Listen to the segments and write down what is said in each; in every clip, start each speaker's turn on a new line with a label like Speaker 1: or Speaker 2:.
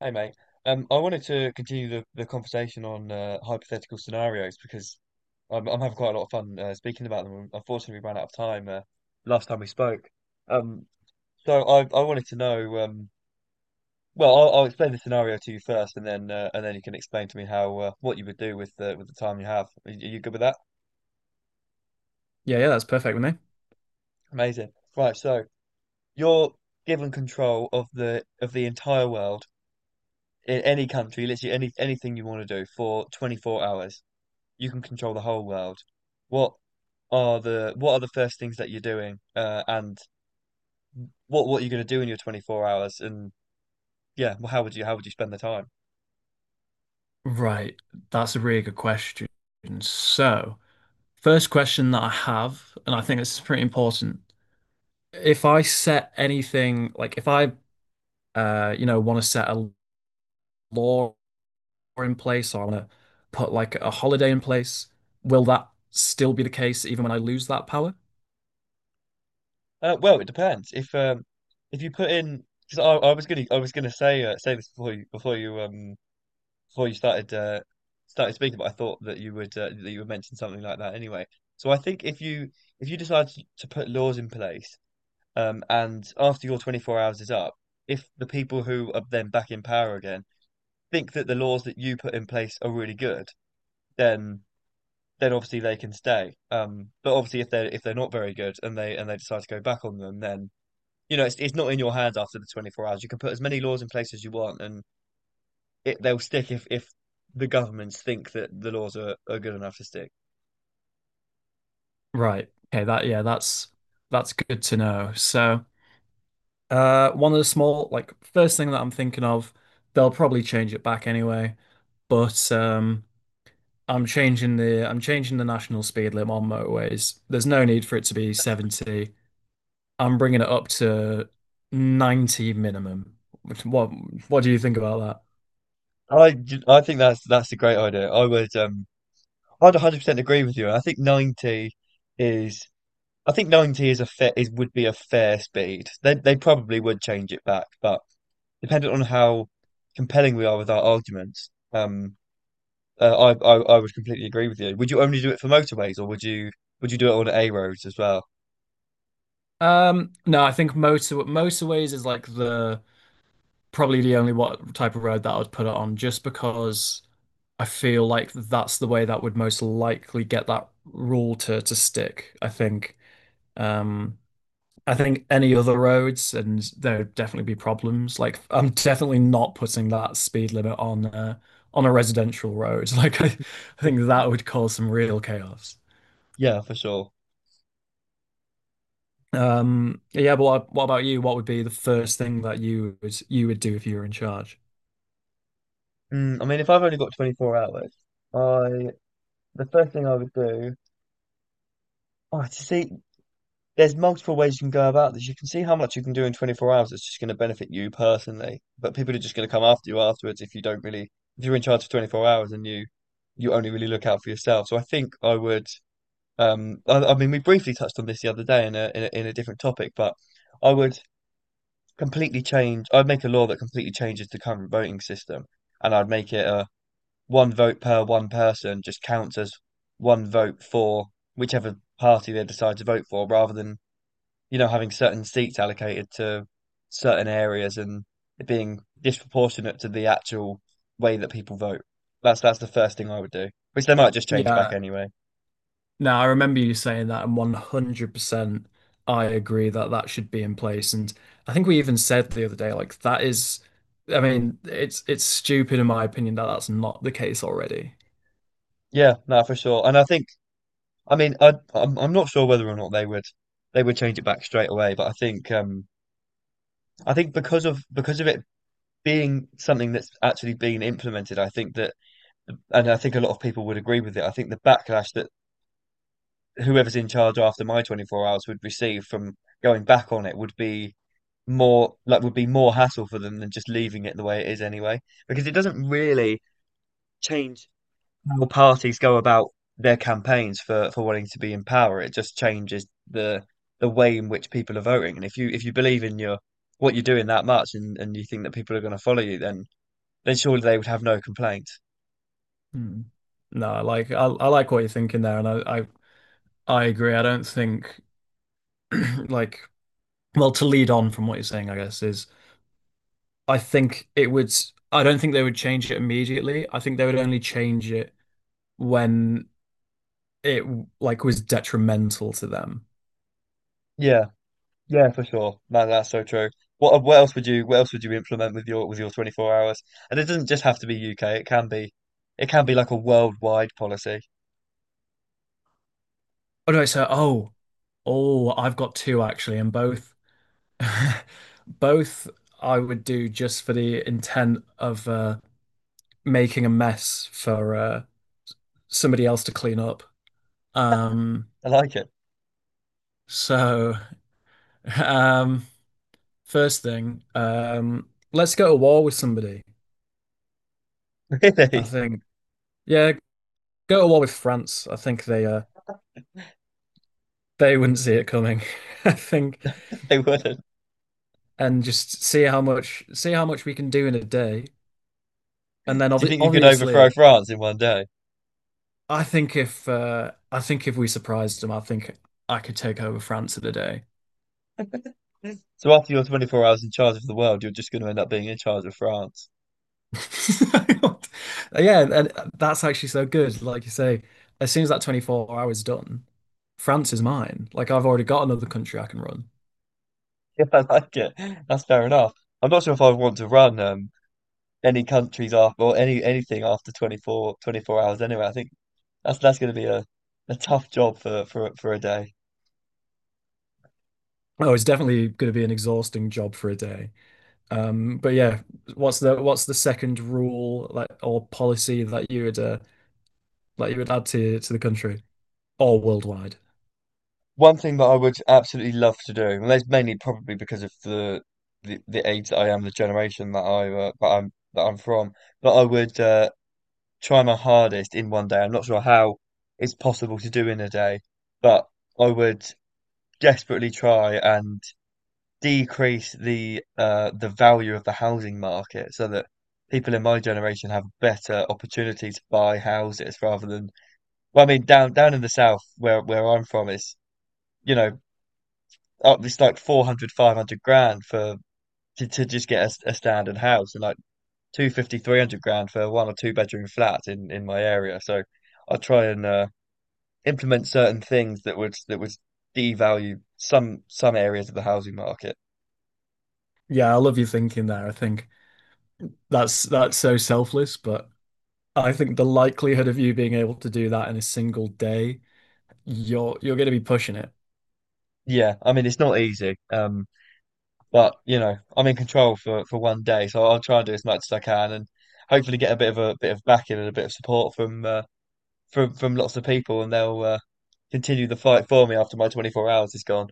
Speaker 1: Hey mate, I wanted to continue the conversation on hypothetical scenarios because I'm having quite a lot of fun speaking about them. Unfortunately, we ran out of time last time we spoke. Um, I wanted to know. I'll explain the scenario to you first, and then you can explain to me how what you would do with the time you have. Are you good with that?
Speaker 2: Yeah, yeah, that's perfect with me.
Speaker 1: Amazing. Right. So you're given control of the entire world in any country, literally any anything you want to do for 24 hours. You can control the whole world. What what are the first things that you're doing? And what are you going to do in your 24 hours? And yeah, well, how would you spend the time?
Speaker 2: Right, that's a really good question. So, first question that I have, and I think this is pretty important. If I set anything, like if I, want to set a law in place, or I want to put like a holiday in place, will that still be the case even when I lose that power?
Speaker 1: Well, it depends. If you put in because I was gonna I was gonna say say this before you before you started started speaking, but I thought that you would mention something like that anyway. So I think if you decide to put laws in place, and after your 24 hours is up, if the people who are then back in power again think that the laws that you put in place are really good, then then obviously they can stay. But obviously if they're not very good and they decide to go back on them, then you know it's not in your hands after the 24 hours. You can put as many laws in place as you want, and it they'll stick if the governments think that the laws are good enough to stick.
Speaker 2: Right. Okay, that yeah, that's good to know. So, one of the small like first thing that I'm thinking of, they'll probably change it back anyway, but I'm changing the, I'm changing the national speed limit on motorways. There's no need for it to be 70. I'm bringing it up to 90 minimum. What what do you think about
Speaker 1: I, I think that's a great idea. I would I'd 100% agree with you. I think 90 is I think 90 is a fair is would be a fair speed. They probably would change it back, but dependent on how compelling we are with our arguments, uh, I would completely agree with you. Would you only do it for motorways, or would you do it on A roads as well?
Speaker 2: that? No, I think motorways is like the probably the only what type of road that I would put it on, just because I feel like that's the way that would most likely get that rule to stick, I think. Um, I think any other roads, and there would definitely be problems. Like I'm definitely not putting that speed limit on a residential road. I think that would cause some real chaos.
Speaker 1: Yeah, for sure.
Speaker 2: Yeah, but what about you? What would be the first thing that you would, you would do if you were in charge?
Speaker 1: Mm, I mean, if I've only got 24 hours, I the first thing I would do. Oh, to see, there's multiple ways you can go about this. You can see how much you can do in 24 hours. It's just going to benefit you personally, but people are just going to come after you afterwards if you don't really, if you're in charge for 24 hours and you only really look out for yourself. So I think I would. I mean, we briefly touched on this the other day in a, in a in a different topic, but I would completely change. I'd make a law that completely changes the current voting system, and I'd make it a one vote per one person just counts as one vote for whichever party they decide to vote for, rather than you know having certain seats allocated to certain areas and it being disproportionate to the actual way that people vote. That's the first thing I would do, which they might just change back
Speaker 2: Yeah,
Speaker 1: anyway.
Speaker 2: no, I remember you saying that, and 100% I agree that that should be in place. And I think we even said the other day, like that is, I mean, it's stupid in my opinion that that's not the case already.
Speaker 1: Yeah, no, for sure. And I think. I mean, I'm not sure whether or not they would they would change it back straight away, but I think because of it being something that's actually been implemented, I think that, and I think a lot of people would agree with it. I think the backlash that whoever's in charge after my 24 hours would receive from going back on it would be more like would be more hassle for them than just leaving it the way it is anyway, because it doesn't really change how parties go about their campaigns for wanting to be in power. It just changes the way in which people are voting. And if you believe in your what you're doing that much and you think that people are going to follow you, then surely they would have no complaints.
Speaker 2: Hmm. No, I like, I like what you're thinking there, and I agree. I don't think like, well, to lead on from what you're saying, I guess, is I think it would. I don't think they would change it immediately. I think they would only change it when it like was detrimental to them.
Speaker 1: Yeah, yeah, for sure. Man, that's so true. What else would you what else would you implement with your 24 hours? And it doesn't just have to be UK. It can be like a worldwide policy.
Speaker 2: Or do I say, oh, I've got two actually, and both both I would do just for the intent of making a mess for somebody else to clean up. Um,
Speaker 1: I like it.
Speaker 2: so, um, first thing, let's go to war with somebody. I
Speaker 1: Really?
Speaker 2: think, yeah, go to war with France. I think they wouldn't see it coming. I think,
Speaker 1: They wouldn't.
Speaker 2: and just see how much, see how much we can do in a day, and then
Speaker 1: Do you think you could overthrow
Speaker 2: obviously
Speaker 1: France in 1 day?
Speaker 2: I think if we surprised them, I think I could take over France in a day.
Speaker 1: So after your 24 hours in charge of the world, you're just going to end up being in charge of France.
Speaker 2: Yeah, and that's actually so good. Like you say, as soon as that 24 hours done, France is mine. Like I've already got another country I can run.
Speaker 1: Yeah, I like it. That's fair enough. I'm not sure if I would want to run any countries after or any anything after 24 hours anyway. I think that's going to be a tough job for a day.
Speaker 2: Oh, it's definitely going to be an exhausting job for a day. But yeah, what's the, what's the second rule, like, or policy that you would add to the country or worldwide?
Speaker 1: One thing that I would absolutely love to do, and that's mainly probably because of the age that I am, the generation that I that I'm from, but I would try my hardest in 1 day. I'm not sure how it's possible to do in a day, but I would desperately try and decrease the value of the housing market so that people in my generation have better opportunity to buy houses rather than well, I mean down in the south where I'm from is you know up it's like 400 500 grand for to just get a standard house and like two fifty three hundred grand for a one or two-bedroom flat in my area, so I'll try and implement certain things that would devalue some areas of the housing market.
Speaker 2: Yeah, I love your thinking there. I think that's so selfless, but I think the likelihood of you being able to do that in a single day, you're going to be pushing it.
Speaker 1: Yeah, I mean it's not easy, but you know I'm in control for 1 day, so I'll try and do as much as I can, and hopefully get a bit of backing and a bit of support from from lots of people, and they'll continue the fight for me after my 24 hours is gone.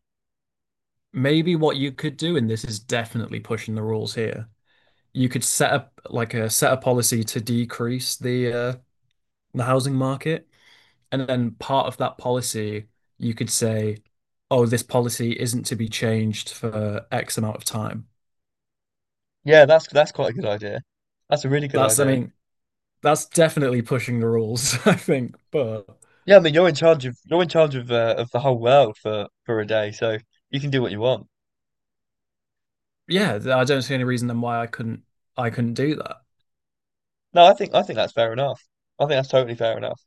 Speaker 2: Maybe what you could do, and this is definitely pushing the rules here, you could set up, like, a, set a policy to decrease the housing market. And then part of that policy, you could say, oh, this policy isn't to be changed for X amount of time.
Speaker 1: Yeah, that's quite a good idea. That's a really good
Speaker 2: That's, I
Speaker 1: idea.
Speaker 2: mean, that's definitely pushing the rules, I think. But
Speaker 1: Yeah, I mean you're in charge of you're in charge of the whole world for a day, so you can do what you want.
Speaker 2: yeah, I don't see any reason then why I couldn't do that.
Speaker 1: No, I think that's fair enough. I think that's totally fair enough.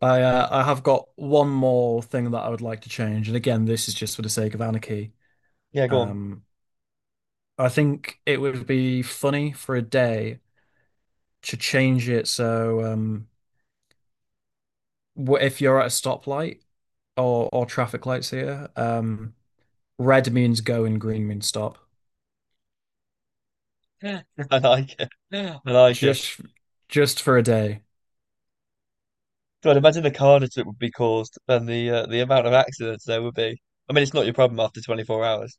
Speaker 2: I have got one more thing that I would like to change, and again, this is just for the sake of anarchy.
Speaker 1: Yeah, go on.
Speaker 2: Um, I think it would be funny for a day to change it so, if you're at a stoplight or traffic lights here, red means go and green means stop.
Speaker 1: Yeah. I like it. I like it.
Speaker 2: Just just for a day.
Speaker 1: God, imagine the carnage that would be caused and the amount of accidents there would be. I mean, it's not your problem after 24 hours.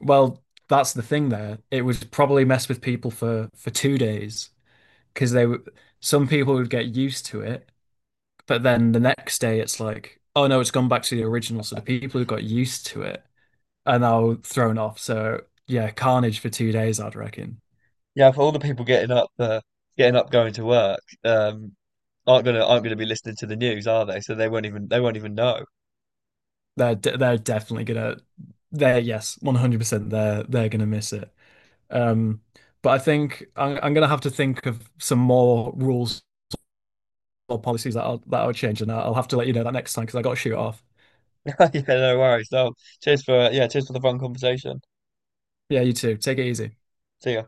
Speaker 2: Well, that's the thing there. It would probably mess with people for 2 days because they would, some people would get used to it, but then the next day it's like, oh no, it's gone back to the original. So the people who got used to it are now thrown off. So yeah, carnage for 2 days, I'd reckon.
Speaker 1: Yeah, for all the people getting up, going to work, aren't gonna be listening to the news, are they? So they won't even know.
Speaker 2: They're definitely gonna, they're yes, 100% they're gonna miss it. Um, but I think I'm gonna have to think of some more rules or policies that I'll change, and I'll have to let you know that next time, because I got to shoot off.
Speaker 1: Yeah, no worries. So cheers for cheers for the fun conversation.
Speaker 2: Yeah, you too. Take it easy.
Speaker 1: See ya.